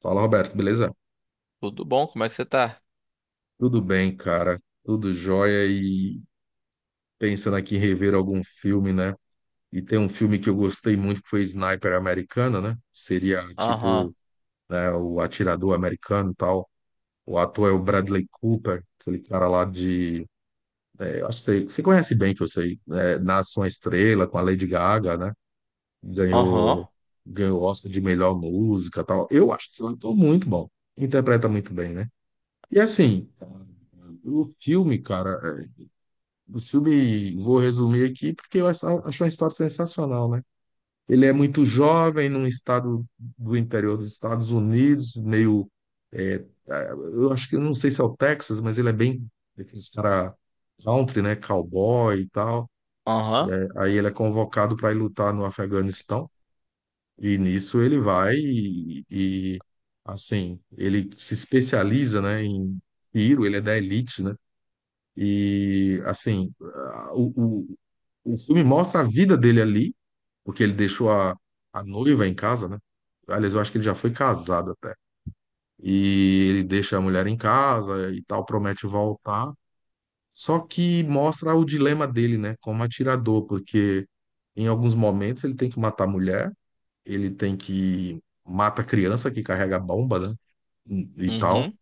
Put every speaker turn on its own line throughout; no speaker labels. Fala, Roberto, beleza?
Tudo bom? Como é que você tá?
Tudo bem, cara? Tudo jóia e pensando aqui em rever algum filme, né? E tem um filme que eu gostei muito que foi Sniper Americana, né? Seria
Aham,
tipo, né, o atirador americano e tal. O ator é o Bradley Cooper, aquele cara lá de. Acho que você conhece bem, que eu sei. Né? Nasce uma Estrela com a Lady Gaga, né?
aham,
Ganhou, ganhou o Oscar de melhor música e tal. Eu acho que ele ator é muito bom. Interpreta muito bem, né? E assim, o filme, cara. O filme, vou resumir aqui, porque eu acho uma história sensacional, né? Ele é muito jovem, num estado do interior dos Estados Unidos, meio. é, eu acho que eu não sei se é o Texas, mas ele é bem. Esse cara country, né? Cowboy e tal.
aham,
É, aí ele é convocado para ir lutar no Afeganistão, e nisso ele vai assim, ele se especializa, né, em tiro, ele é da elite, né? E, assim, o filme mostra a vida dele ali, porque ele deixou a noiva em casa, né? Aliás, eu acho que ele já foi casado até. E ele deixa a mulher em casa e tal, promete voltar. Só que mostra o dilema dele, né? Como atirador, porque em alguns momentos ele tem que matar a mulher, ele tem que mata a criança que carrega a bomba, né? E tal.
uhum,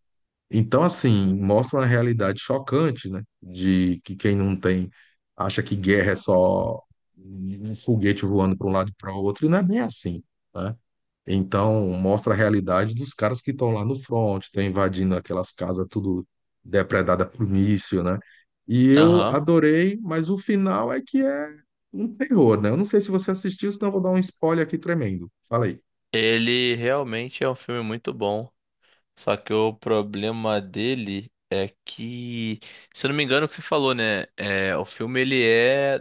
Então, assim, mostra uma realidade chocante, né? De que quem não tem acha que guerra é só um foguete voando para um lado e para o outro, e não é bem assim, né? Então, mostra a realidade dos caras que estão lá no front, estão invadindo aquelas casas tudo depredada por míssil, né? E eu
aham.
adorei, mas o final é que é um terror, né? Eu não sei se você assistiu, senão eu vou dar um spoiler aqui tremendo. Falei.
Ele realmente é um filme muito bom. Só que o problema dele é que, se eu não me engano, é o que você falou, né? É, o filme ele é,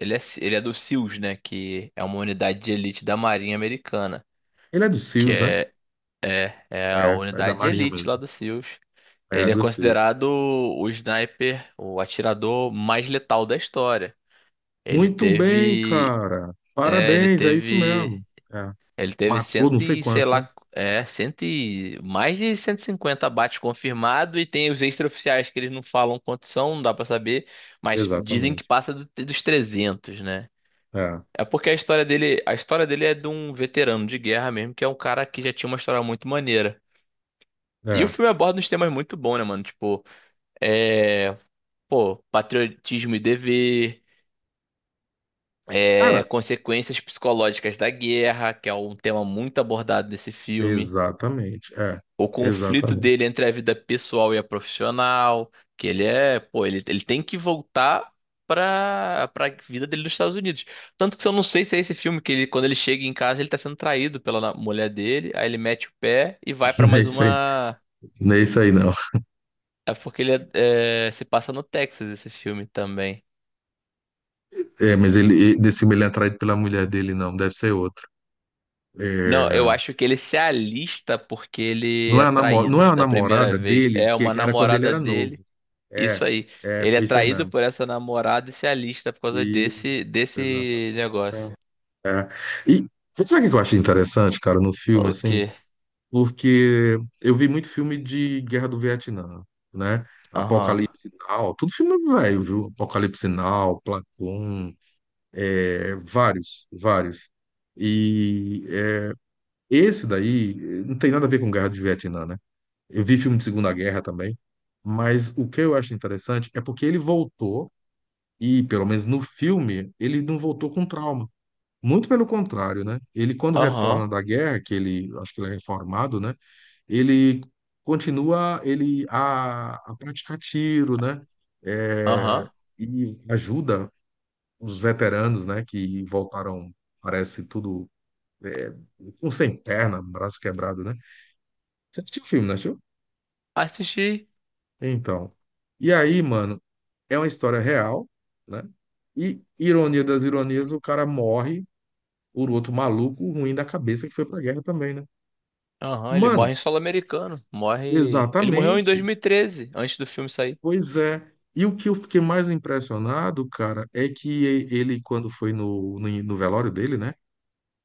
ele é, ele é do SEALs, né? Que é uma unidade de elite da Marinha Americana,
Ele é do
que
SEALs, né?
é, é a
É, é da
unidade de
Marinha
elite lá
mesmo.
do SEALs.
É
Ele é
do SEALs.
considerado o sniper, o atirador mais letal da história. Ele
Muito bem,
teve.
cara.
É, ele
Parabéns, é isso
teve.
mesmo. É.
Ele teve
Matou não
cento
sei
e, sei
quantos, né?
lá, é, cento e, mais de 150 abates confirmados e tem os extraoficiais que eles não falam quantos são, não dá pra saber, mas dizem que
Exatamente.
passa dos 300, né?
É,
É porque a história dele é de um veterano de guerra mesmo, que é um cara que já tinha uma história muito maneira. E o
é.
filme aborda uns temas muito bons, né, mano? Tipo, é, pô, patriotismo e dever, é,
Cara,
consequências psicológicas da guerra, que é um tema muito abordado nesse filme.
exatamente. É,
O conflito
exatamente.
dele entre a vida pessoal e a profissional, que ele é, pô, ele tem que voltar pra vida dele nos Estados Unidos. Tanto que eu não sei se é esse filme que ele, quando ele chega em casa, ele tá sendo traído pela mulher dele, aí ele mete o pé e vai pra
Não é
mais
isso aí,
uma.
não é isso aí, não.
É porque é, se passa no Texas esse filme também.
É, mas ele, nesse filme ele é atraído pela mulher dele, não. Deve ser outro.
Não, eu
É,
acho que ele se alista porque ele é
não é
traído
a
da primeira
namorada
vez.
dele,
É
que
uma
era quando ele
namorada
era
dele,
novo.
isso
É,
aí.
é,
Ele é
foi isso aí
traído
mesmo.
por essa namorada e se alista por causa
E,
desse
exato.
desse negócio.
É. E sabe o que eu achei interessante, cara, no filme,
O
assim?
quê?
Porque eu vi muito filme de Guerra do Vietnã, né?
Aham.
Apocalipse Now, tudo filme velho, viu? Apocalipse Now, Platão, vários, vários. E esse daí não tem nada a ver com Guerra do Vietnã, né? Eu vi filme de Segunda Guerra também, mas o que eu acho interessante é porque ele voltou, e pelo menos no filme, ele não voltou com trauma. Muito pelo contrário, né? Ele, quando
Aham.
retorna da guerra, que ele, acho que ele é reformado, né? Ele continua ele a praticar tiro, né? É,
Aham.
e ajuda os veteranos, né? Que voltaram, parece tudo é, com sem perna, um braço quebrado, né? Você assistiu o filme, não assistiu?
Assisti.
Então, e aí, mano, é uma história real, né? E ironia das ironias, o cara morre por outro maluco ruim da cabeça que foi pra guerra também, né?
Aham, ele
Mano,
morre em solo americano. Morre. Ele morreu em
exatamente.
2013, antes do filme sair.
Pois é. E o que eu fiquei mais impressionado, cara, é que ele, quando foi no velório dele, né?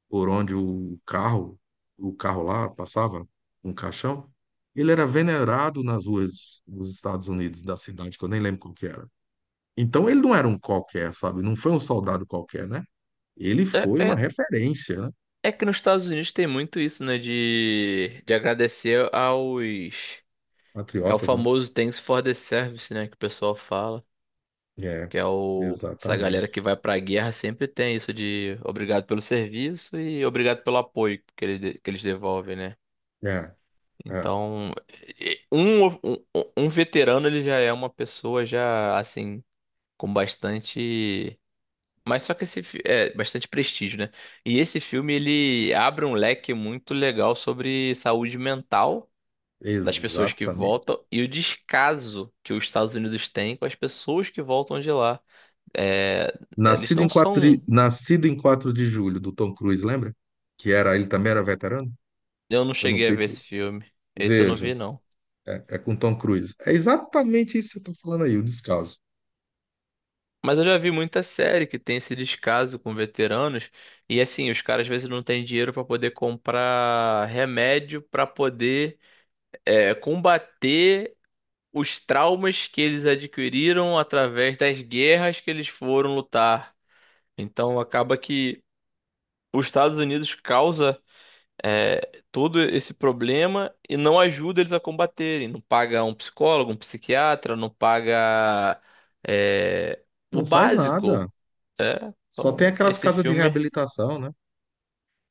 Por onde o carro lá passava, um caixão, ele era venerado nas ruas dos Estados Unidos, da cidade, que eu nem lembro qual que era. Então ele não era um qualquer, sabe? Não foi um soldado qualquer, né? Ele
É,
foi uma
é,
referência, né?
é que nos Estados Unidos tem muito isso, né? De agradecer aos. É o
Patriotas, né?
famoso Thanks for the Service, né? Que o pessoal fala.
É,
Que é o... Essa galera
exatamente.
que vai pra guerra sempre tem isso de obrigado pelo serviço e obrigado pelo apoio que eles, que eles devolvem, né?
É, é,
Então, e- um, um, um veterano, ele já é uma pessoa já, assim, com bastante... Mas só que é, bastante prestígio, né? E esse filme, ele abre um leque muito legal sobre saúde mental das pessoas que
exatamente.
voltam e o descaso que os Estados Unidos têm com as pessoas que voltam de lá. É, eles não são.
Nascido em quatro de julho, do Tom Cruise, lembra? Que era, ele também era veterano?
Eu não
Eu não
cheguei a
sei
ver
se.
esse filme. Esse eu não
Veja,
vi, não.
é com Tom Cruise. É exatamente isso que você está falando aí, o descaso.
Mas eu já vi muita série que tem esse descaso com veteranos. E assim, os caras às vezes não têm dinheiro para poder comprar remédio para poder é, combater os traumas que eles adquiriram através das guerras que eles foram lutar. Então acaba que os Estados Unidos causa é, todo esse problema e não ajuda eles a combaterem. Não paga um psicólogo, um psiquiatra, não paga é, o
Não faz nada.
básico. É,
Só tem
então,
aquelas
esse
casas de
filme.
reabilitação, né?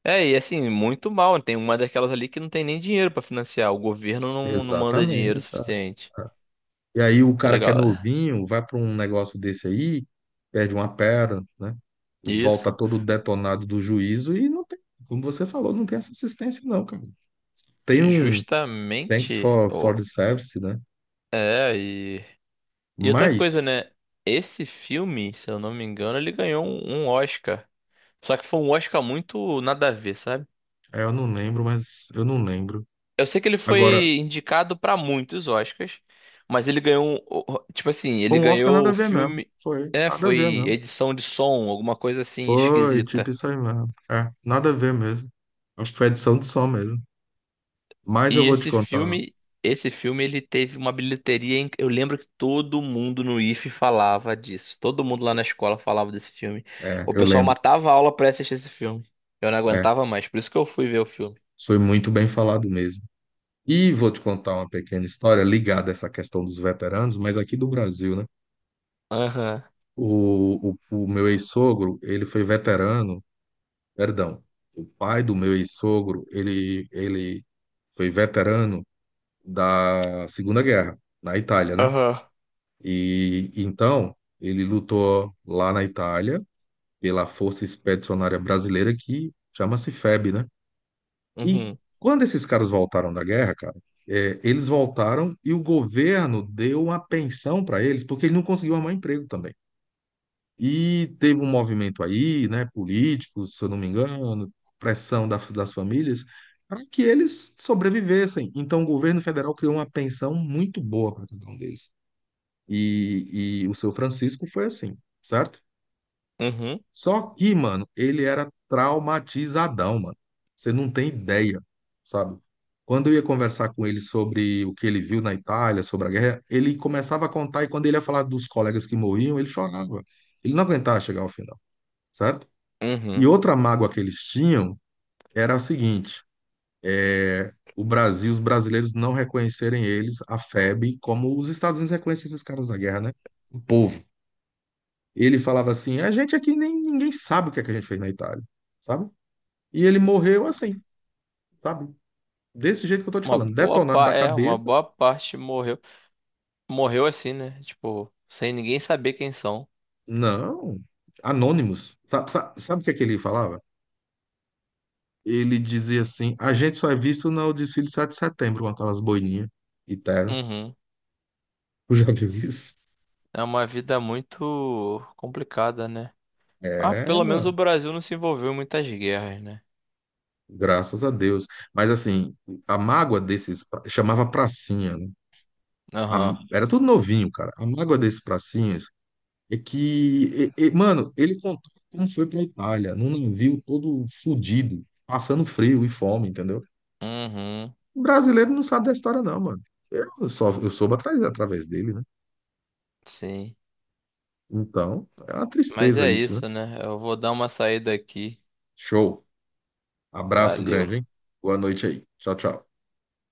É, e assim, muito mal. Né? Tem uma daquelas ali que não tem nem dinheiro pra financiar. O governo não manda dinheiro
Exatamente. Ah.
suficiente.
Ah. E aí o cara que é
Legal. É.
novinho vai para um negócio desse aí, perde uma perna, né? Volta
Isso.
todo detonado do juízo e não tem, como você falou, não tem essa assistência, não, cara. Tem
E
um thanks
justamente.
for
O
the service, né?
é, e. E outra coisa,
Mas,
né? Esse filme, se eu não me engano, ele ganhou um Oscar. Só que foi um Oscar muito nada a ver, sabe?
eu não lembro, mas eu não lembro.
Eu sei que ele
Agora,
foi indicado pra muitos Oscars, mas ele ganhou, tipo assim,
foi
ele
um Oscar nada
ganhou
a
o
ver mesmo.
filme,
Foi,
é,
nada a ver
foi
mesmo.
edição de som, alguma coisa assim
Foi, tipo
esquisita.
isso aí mesmo. É, nada a ver mesmo. Acho que foi edição de som mesmo. Mas eu
E
vou te contar.
esse filme ele teve uma bilheteria, eu lembro que todo mundo no IFE falava disso. Todo mundo lá na escola falava desse filme.
É,
O
eu
pessoal
lembro.
matava a aula pra assistir esse filme. Eu não
É,
aguentava mais, por isso que eu fui ver o filme.
foi muito bem falado mesmo. E vou te contar uma pequena história ligada a essa questão dos veteranos, mas aqui do Brasil, né?
Aham.
O meu ex-sogro, ele foi veterano, perdão, o pai do meu ex-sogro, ele foi veterano da Segunda Guerra, na Itália, né?
Aham.
E então ele lutou lá na Itália pela Força Expedicionária Brasileira, que chama-se FEB, né? E
Uhum.
quando esses caras voltaram da guerra, cara, eles voltaram e o governo deu uma pensão para eles, porque eles não conseguiu arrumar emprego também. E teve um movimento aí, né, político, se eu não me engano, pressão das famílias, para que eles sobrevivessem. Então, o governo federal criou uma pensão muito boa para cada um deles. E o seu Francisco foi assim, certo?
Uhum.
Só que, mano, ele era traumatizadão, mano. Você não tem ideia, sabe? Quando eu ia conversar com ele sobre o que ele viu na Itália, sobre a guerra, ele começava a contar e quando ele ia falar dos colegas que morriam, ele chorava. Ele não aguentava chegar ao final, certo? E
Uhum.
outra mágoa que eles tinham era a seguinte: é o Brasil, os brasileiros não reconhecerem eles, a FEB, como os Estados Unidos reconhecem esses caras da guerra, né? O povo. Ele falava assim: a gente aqui nem ninguém sabe o que é que a gente fez na Itália, sabe? E ele morreu assim, sabe? Desse jeito que eu tô te falando, detonado da
É, uma
cabeça.
boa parte morreu. Morreu assim, né? Tipo, sem ninguém saber quem são.
Não, anônimos. Sabe, sabe, sabe o que é que ele falava? Ele dizia assim: a gente só é visto no desfile de 7 de setembro com aquelas boininhas e terno.
Uhum.
Tu já viu isso?
É uma vida muito complicada, né? Ah,
É,
pelo menos o
mano,
Brasil não se envolveu em muitas guerras, né?
graças a Deus. Mas assim, a mágoa desses chamava pracinha, né?
Aham.
Era tudo novinho, cara. A mágoa desses pracinhas é que, mano, ele contou como foi pra Itália, num navio todo fudido, passando frio e fome, entendeu?
Uhum.
O brasileiro não sabe da história, não, mano. Eu só eu soube atrás, através dele, né?
Sim.
Então, é uma
Mas
tristeza
é
isso, né?
isso, né? Eu vou dar uma saída aqui.
Show. Abraço grande,
Valeu.
hein? Boa noite aí. Tchau, tchau.